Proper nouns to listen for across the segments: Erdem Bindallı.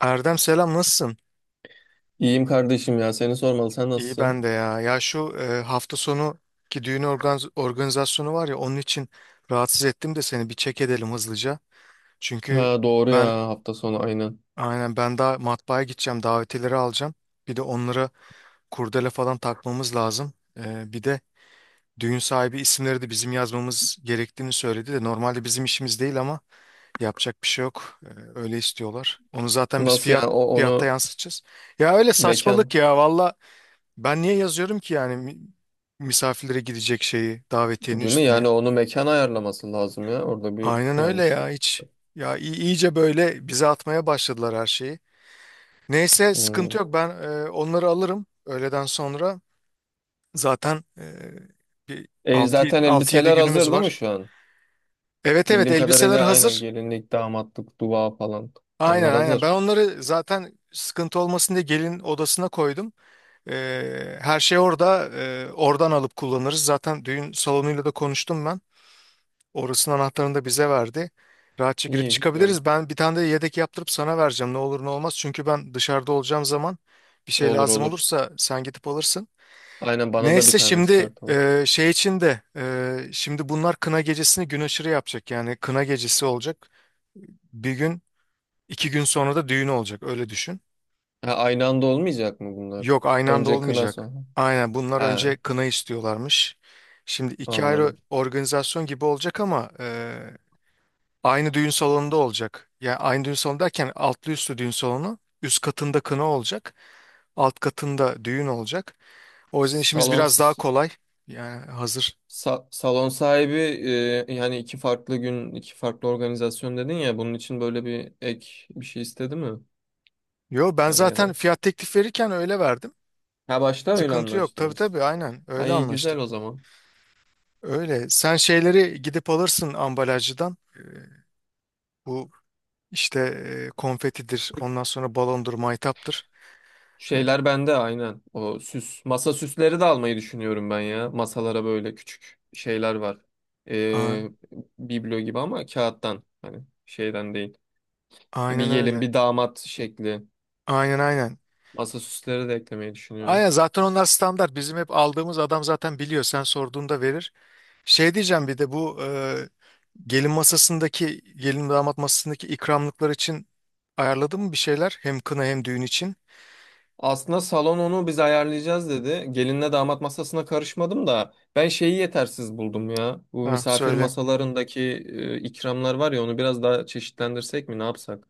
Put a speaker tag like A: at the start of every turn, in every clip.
A: Erdem, selam, nasılsın?
B: İyiyim kardeşim, ya seni sormalı, sen
A: İyi ben de
B: nasılsın?
A: ya. Ya şu hafta sonu ki düğün organizasyonu var ya, onun için rahatsız ettim de seni bir çek edelim hızlıca. Çünkü
B: Ha doğru
A: ben
B: ya, hafta sonu aynen.
A: aynen ben daha matbaaya gideceğim, davetileri alacağım. Bir de onlara kurdele falan takmamız lazım. Bir de düğün sahibi isimleri de bizim yazmamız gerektiğini söyledi de normalde bizim işimiz değil ama yapacak bir şey yok. Öyle istiyorlar. Onu zaten biz
B: Nasıl
A: fiyat
B: yani, o
A: fiyatta
B: onu
A: yansıtacağız. Ya öyle
B: mekan
A: saçmalık ya, valla. Ben niye yazıyorum ki yani misafirlere gidecek şeyi davetiyenin
B: değil mi? Yani
A: üstüne?
B: onu mekan ayarlaması lazım, ya orada bir
A: Aynen öyle ya,
B: yanlışlık.
A: hiç. Ya iyice böyle bize atmaya başladılar her şeyi. Neyse,
B: Hmm.
A: sıkıntı yok, ben onları alırım öğleden sonra. Zaten bir
B: Zaten
A: 6-7
B: elbiseler
A: günümüz
B: hazır değil mi
A: var.
B: şu an?
A: Evet evet,
B: Bildiğim
A: elbiseler
B: kadarıyla aynen,
A: hazır.
B: gelinlik, damatlık, dua falan
A: Aynen
B: onlar
A: aynen, ben
B: hazır.
A: onları zaten sıkıntı olmasın diye gelin odasına koydum. Her şey orada, oradan alıp kullanırız. Zaten düğün salonuyla da konuştum ben. Orasının anahtarını da bize verdi. Rahatça girip
B: İyi güzel.
A: çıkabiliriz. Ben bir tane de yedek yaptırıp sana vereceğim. Ne olur ne olmaz. Çünkü ben dışarıda olacağım zaman bir şey
B: Olur
A: lazım
B: olur.
A: olursa sen gidip alırsın.
B: Aynen, bana da bir
A: Neyse,
B: tane
A: şimdi
B: çıkartalım.
A: şey için de şimdi bunlar kına gecesini gün aşırı yapacak. Yani kına gecesi olacak. Bir gün iki gün sonra da düğün olacak. Öyle düşün.
B: Ha, aynı anda olmayacak mı bunlar?
A: Yok, aynı anda
B: Önce kına,
A: olmayacak.
B: sonra.
A: Aynen, bunlar önce
B: Ha,
A: kına istiyorlarmış. Şimdi iki ayrı
B: anladım.
A: organizasyon gibi olacak ama aynı düğün salonunda olacak. Yani aynı düğün salonu derken altlı üstlü düğün salonu. Üst katında kına olacak. Alt katında düğün olacak. O yüzden işimiz
B: Salon
A: biraz daha kolay. Yani hazır.
B: salon sahibi, yani iki farklı gün, iki farklı organizasyon dedin ya, bunun için böyle bir ek bir şey istedi mi?
A: Yo, ben
B: Hani ya
A: zaten
B: da,
A: fiyat teklif verirken öyle verdim.
B: ha, başta öyle
A: Sıkıntı yok. Tabii
B: anlaştınız.
A: tabii, aynen öyle
B: Ay güzel
A: anlaştık.
B: o zaman.
A: Öyle. Sen şeyleri gidip alırsın ambalajcıdan. Bu işte konfetidir. Ondan sonra balondur, maytaptır. Evet.
B: Şeyler bende aynen. O süs, masa süsleri de almayı düşünüyorum ben ya. Masalara böyle küçük şeyler var.
A: A-
B: E, Biblo gibi ama kağıttan, hani şeyden değil. Bir
A: Aynen
B: gelin
A: öyle.
B: bir damat şekli,
A: Aynen aynen.
B: masa süsleri de eklemeyi düşünüyorum.
A: Aynen, zaten onlar standart. Bizim hep aldığımız adam zaten biliyor. Sen sorduğunda verir. Şey diyeceğim, bir de bu gelin damat masasındaki ikramlıklar için ayarladın mı bir şeyler? Hem kına hem düğün için.
B: Aslında salon onu biz ayarlayacağız dedi. Gelinle damat masasına karışmadım da ben şeyi yetersiz buldum ya. Bu
A: Ha,
B: misafir
A: söyle.
B: masalarındaki ikramlar var ya, onu biraz daha çeşitlendirsek mi, ne yapsak?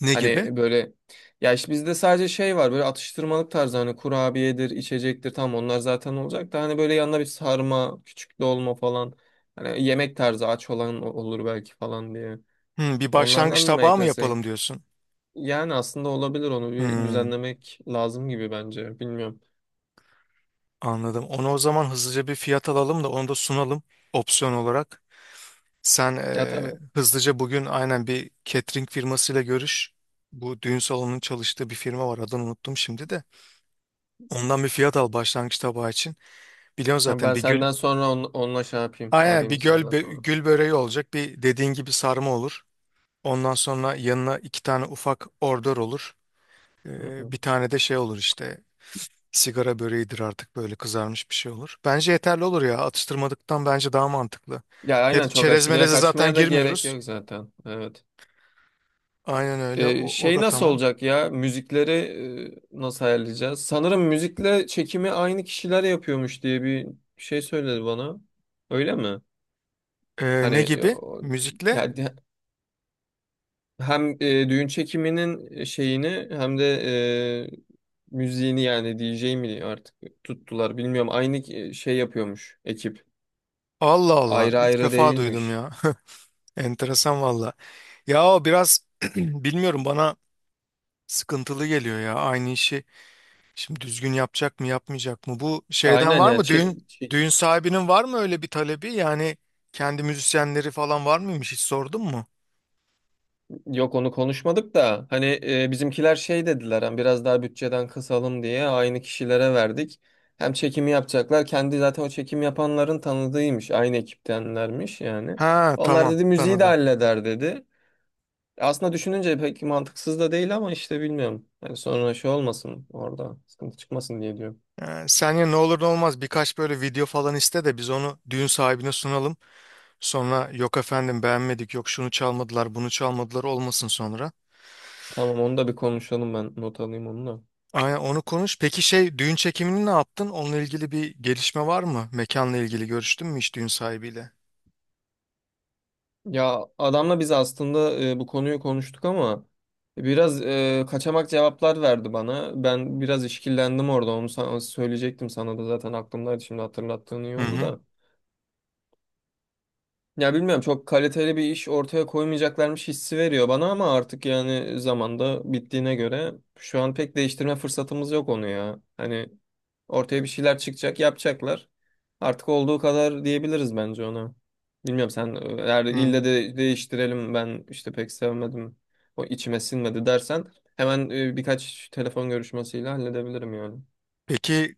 A: Ne gibi?
B: Hani böyle, ya işte bizde sadece şey var, böyle atıştırmalık tarzı, hani kurabiyedir, içecektir, tam onlar zaten olacak da hani böyle yanına bir sarma, küçük dolma falan. Hani yemek tarzı, aç olan olur belki falan diye.
A: Bir başlangıç
B: Onlardan da mı
A: tabağı mı
B: eklesek?
A: yapalım diyorsun?
B: Yani aslında olabilir, onu bir
A: Hmm,
B: düzenlemek lazım gibi bence. Bilmiyorum.
A: anladım. Onu o zaman hızlıca bir fiyat alalım da onu da sunalım opsiyon olarak. Sen
B: Ya tabii.
A: hızlıca bugün aynen bir catering firmasıyla görüş. Bu düğün salonunun çalıştığı bir firma var. Adını unuttum şimdi de. Ondan bir fiyat al başlangıç tabağı için. Biliyorsun
B: Ya
A: zaten
B: ben
A: bir gül
B: senden sonra onunla şey yapayım.
A: aynen
B: Arayayım
A: bir
B: senden sonra.
A: gül böreği olacak. Bir, dediğin gibi sarma olur. Ondan sonra yanına iki tane ufak ordör olur.
B: Hı hı.
A: Bir tane de şey olur işte, sigara böreğidir artık, böyle kızarmış bir şey olur. Bence yeterli olur ya, atıştırmadıktan bence daha mantıklı.
B: Ya aynen, çok
A: Çerez
B: aşırıya
A: meleze zaten
B: kaçmaya da gerek
A: girmiyoruz.
B: yok zaten. Evet.
A: Aynen öyle, o
B: Şey
A: da
B: nasıl
A: tamam.
B: olacak ya? Müzikleri nasıl ayarlayacağız? Sanırım müzikle çekimi aynı kişiler yapıyormuş diye bir şey söyledi bana. Öyle mi? Hani
A: Ne gibi? Müzikle?
B: yani hem düğün çekiminin şeyini hem de e, müziğini, yani DJ mi artık tuttular bilmiyorum. Şey yapıyormuş ekip.
A: Allah Allah,
B: Ayrı
A: ilk
B: ayrı
A: defa duydum
B: değilmiş.
A: ya. Enteresan valla. Ya o biraz bilmiyorum, bana sıkıntılı geliyor ya aynı işi. Şimdi düzgün yapacak mı yapmayacak mı? Bu şeyden
B: Aynen
A: var
B: yani
A: mı, düğün düğün sahibinin var mı öyle bir talebi? Yani kendi müzisyenleri falan var mıymış, hiç sordun mu?
B: yok, onu konuşmadık da hani bizimkiler şey dediler, hani biraz daha bütçeden kısalım diye aynı kişilere verdik. Hem çekimi yapacaklar, kendi zaten o çekim yapanların tanıdığıymış, aynı ekiptenlermiş yani.
A: Ha
B: Onlar
A: tamam,
B: dedi müziği de
A: tanıdım.
B: halleder dedi. Aslında düşününce pek mantıksız da değil ama işte bilmiyorum. Yani sonra şey olmasın, orada sıkıntı çıkmasın diye diyorum.
A: Sen, ya ne olur ne olmaz, birkaç böyle video falan iste de biz onu düğün sahibine sunalım. Sonra yok efendim beğenmedik, yok şunu çalmadılar bunu çalmadılar, olmasın sonra.
B: Tamam, onu da bir konuşalım, ben not alayım onu da.
A: Aynen, onu konuş. Peki şey, düğün çekimini ne yaptın? Onunla ilgili bir gelişme var mı? Mekanla ilgili görüştün mü hiç düğün sahibiyle?
B: Ya adamla biz aslında bu konuyu konuştuk ama biraz kaçamak cevaplar verdi bana. Ben biraz işkillendim orada. Onu sana söyleyecektim, sana da zaten aklımdaydı, şimdi hatırlattığın iyi
A: Hı
B: oldu
A: hı.
B: da. Ya bilmiyorum, çok kaliteli bir iş ortaya koymayacaklarmış hissi veriyor bana ama artık yani zamanda bittiğine göre şu an pek değiştirme fırsatımız yok onu ya. Hani ortaya bir şeyler çıkacak, yapacaklar. Artık olduğu kadar diyebiliriz bence ona. Bilmiyorum, sen eğer ille
A: Hı.
B: de değiştirelim, ben işte pek sevmedim, o içime sinmedi dersen hemen birkaç telefon görüşmesiyle halledebilirim yani.
A: Peki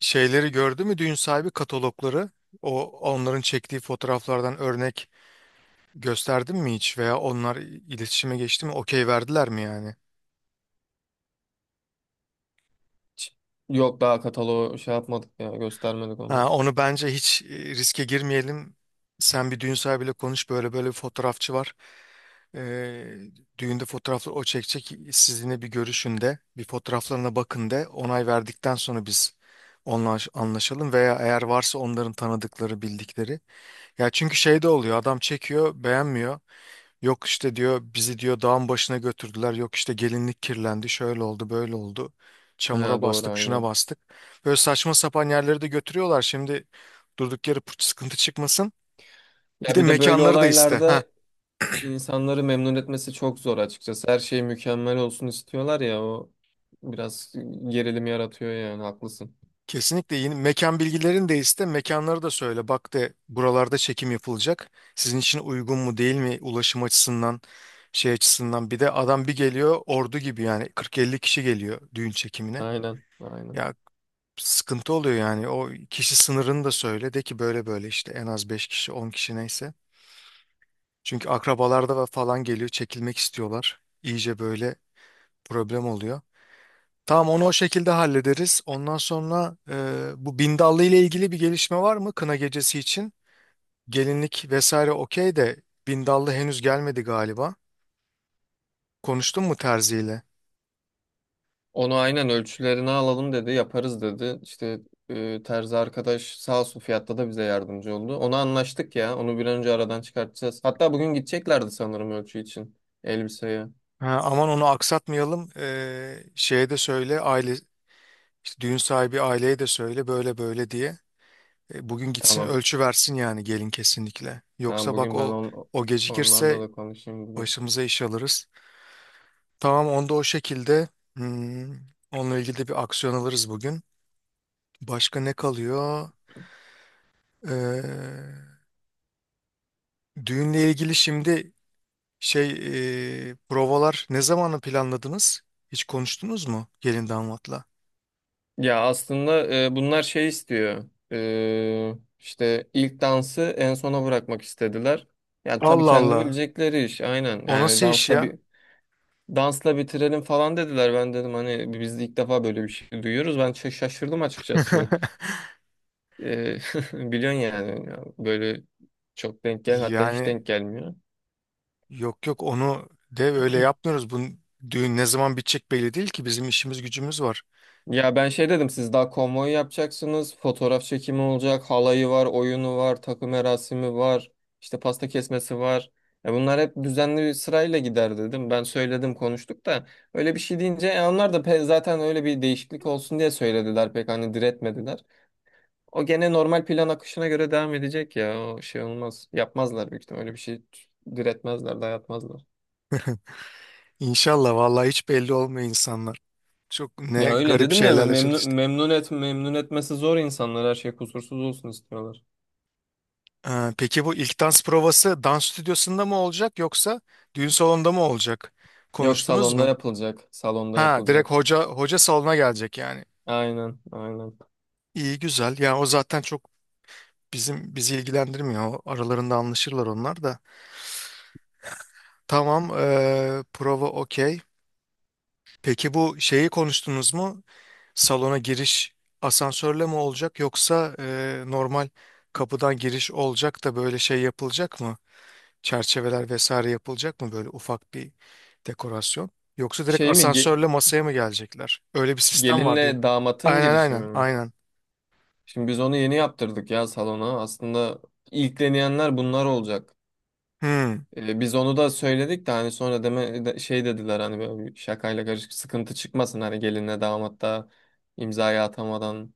A: şeyleri gördü mü düğün sahibi, katalogları? O, onların çektiği fotoğraflardan örnek gösterdin mi hiç veya onlar iletişime geçti mi? Okey verdiler mi yani?
B: Hiç- Yok, daha kataloğu şey yapmadık ya, göstermedik
A: Ha,
B: onu.
A: onu bence hiç riske girmeyelim. Sen bir düğün sahibiyle konuş, böyle böyle bir fotoğrafçı var. Ee, düğünde fotoğrafları o çekecek. Sizinle bir görüşün de bir, fotoğraflarına bakın de, onay verdikten sonra biz onunla anlaşalım veya eğer varsa onların tanıdıkları bildikleri. Ya çünkü şey de oluyor, adam çekiyor, beğenmiyor. Yok işte diyor, bizi diyor dağın başına götürdüler. Yok işte gelinlik kirlendi. Şöyle oldu, böyle oldu.
B: He,
A: Çamura
B: doğru
A: bastık, şuna
B: aynen.
A: bastık. Böyle saçma sapan yerleri de götürüyorlar. Şimdi durduk yere sıkıntı çıkmasın. Bir
B: Ya
A: de
B: bir de böyle
A: mekanları da iste. Ha,
B: olaylarda insanları memnun etmesi çok zor açıkçası. Her şey mükemmel olsun istiyorlar ya, o biraz gerilim yaratıyor yani, haklısın.
A: kesinlikle yeni mekan bilgilerini de iste. Mekanları da söyle. Bak, de buralarda çekim yapılacak. Sizin için uygun mu değil mi, ulaşım açısından, şey açısından. Bir de adam bir geliyor ordu gibi yani 40-50 kişi geliyor düğün çekimine.
B: Aynen aynen.
A: Ya sıkıntı oluyor yani. O kişi sınırını da söyle. De ki böyle böyle işte en az 5 kişi 10 kişi neyse. Çünkü akrabalarda ve falan geliyor, çekilmek istiyorlar. İyice böyle problem oluyor. Tamam, onu o şekilde hallederiz. Ondan sonra bu Bindallı ile ilgili bir gelişme var mı, kına gecesi için? Gelinlik vesaire okey de, Bindallı henüz gelmedi galiba. Konuştun mu Terzi ile?
B: Onu aynen ölçülerini alalım dedi, yaparız dedi. İşte terzi arkadaş sağ olsun, fiyatta da bize yardımcı oldu. Onu anlaştık ya. Onu bir an önce aradan çıkartacağız. Hatta bugün gideceklerdi sanırım ölçü için elbiseye.
A: Ha, aman onu aksatmayalım. Şeye de söyle, aile işte düğün sahibi aileye de söyle böyle böyle diye. Bugün gitsin,
B: Tamam.
A: ölçü versin yani gelin, kesinlikle.
B: Tamam,
A: Yoksa bak,
B: bugün ben
A: o o
B: onlarla
A: gecikirse
B: da konuşayım bugün.
A: başımıza iş alırız. Tamam, onda o şekilde, hmm, onunla ilgili de bir aksiyon alırız bugün. Başka ne kalıyor? Ee, düğünle ilgili şimdi şey, provalar ne zamanı planladınız? Hiç konuştunuz mu gelin damatla?
B: Ya aslında bunlar şey istiyor. E, işte ilk dansı en sona bırakmak istediler. Yani tabii
A: Allah
B: kendi
A: Allah.
B: bilecekleri iş, aynen.
A: O nasıl iş ya?
B: Dansla bitirelim falan dediler. Ben dedim hani biz de ilk defa böyle bir şey duyuyoruz. Ben şaşırdım açıkçası. Ee, biliyorsun yani böyle çok denk gel, hatta hiç
A: Yani
B: denk gelmiyor.
A: yok yok, onu de öyle yapmıyoruz. Bu düğün ne zaman bitecek belli değil ki, bizim işimiz gücümüz var.
B: Ya ben şey dedim, siz daha konvoy yapacaksınız. Fotoğraf çekimi olacak. Halayı var, oyunu var, takı merasimi var, işte pasta kesmesi var. Ya bunlar hep düzenli bir sırayla gider dedim. Ben söyledim, konuştuk da öyle bir şey deyince onlar da zaten öyle bir değişiklik olsun diye söylediler, pek hani diretmediler. O gene normal plan akışına göre devam edecek ya. O şey olmaz. Yapmazlar büyük ihtimalle. Öyle bir şey diretmezler, dayatmazlar.
A: İnşallah, vallahi hiç belli olmuyor insanlar. Çok ne
B: Ya öyle
A: garip
B: dedim ya,
A: şeylerle
B: memnun,
A: çalıştık.
B: memnun et, memnun etmesi zor insanlar, her şey kusursuz olsun istiyorlar.
A: Peki bu ilk dans provası dans stüdyosunda mı olacak yoksa düğün salonunda mı olacak?
B: Yok,
A: Konuştunuz
B: salonda
A: mu?
B: yapılacak. Salonda
A: Ha, direkt
B: yapılacak.
A: hoca salona gelecek yani.
B: Aynen, aynen.
A: İyi güzel. Yani o zaten çok bizi ilgilendirmiyor. O aralarında anlaşırlar onlar da. Tamam, prova okey. Peki bu şeyi konuştunuz mu? Salona giriş asansörle mi olacak yoksa normal kapıdan giriş olacak da böyle şey yapılacak mı? Çerçeveler vesaire yapılacak mı, böyle ufak bir dekorasyon? Yoksa direkt
B: Şey mi ge-
A: asansörle masaya mı gelecekler? Öyle bir sistem var diyor.
B: Gelinle damatın
A: Aynen
B: girişimi
A: aynen
B: mi?
A: aynen.
B: Şimdi biz onu yeni yaptırdık ya salona. Aslında ilkleneyenler bunlar olacak.
A: Hmm,
B: Biz onu da söyledik de hani sonra deme, şey dediler hani böyle bir şakayla karışık sıkıntı çıkmasın, hani gelinle damat da imzayı atamadan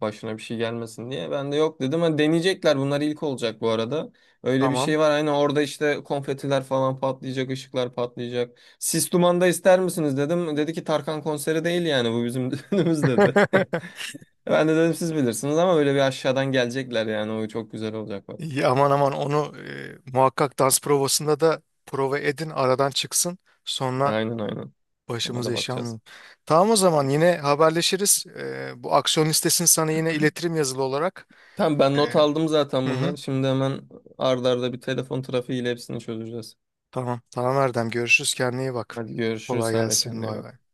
B: başına bir şey gelmesin diye. Ben de yok dedim. Hani deneyecekler, bunlar ilk olacak bu arada. Öyle bir
A: tamam.
B: şey var. Hani orada işte konfetiler falan patlayacak, ışıklar patlayacak. Sis Duman'da ister misiniz dedim. Dedi ki Tarkan konseri değil yani bu bizim düğünümüz dedi. Ben de dedim siz bilirsiniz ama böyle bir aşağıdan gelecekler, yani o çok güzel olacak bak.
A: İyi, aman aman onu muhakkak dans provasında da prova edin, aradan çıksın. Sonra
B: Aynen aynen. Ona
A: başımız
B: da
A: eşya
B: bakacağız.
A: almayalım. Tamam o zaman, yine haberleşiriz. Bu aksiyon listesini sana yine iletirim yazılı olarak.
B: Tamam, ben
A: Ee,
B: not aldım zaten
A: hı hı,
B: bunları. Şimdi hemen ardarda bir telefon trafiğiyle hepsini çözeceğiz.
A: tamam. Tamam Erdem. Görüşürüz. Kendine iyi bak.
B: Hadi görüşürüz.
A: Kolay
B: Sen de
A: gelsin.
B: kendine iyi
A: Bay
B: bak.
A: bay.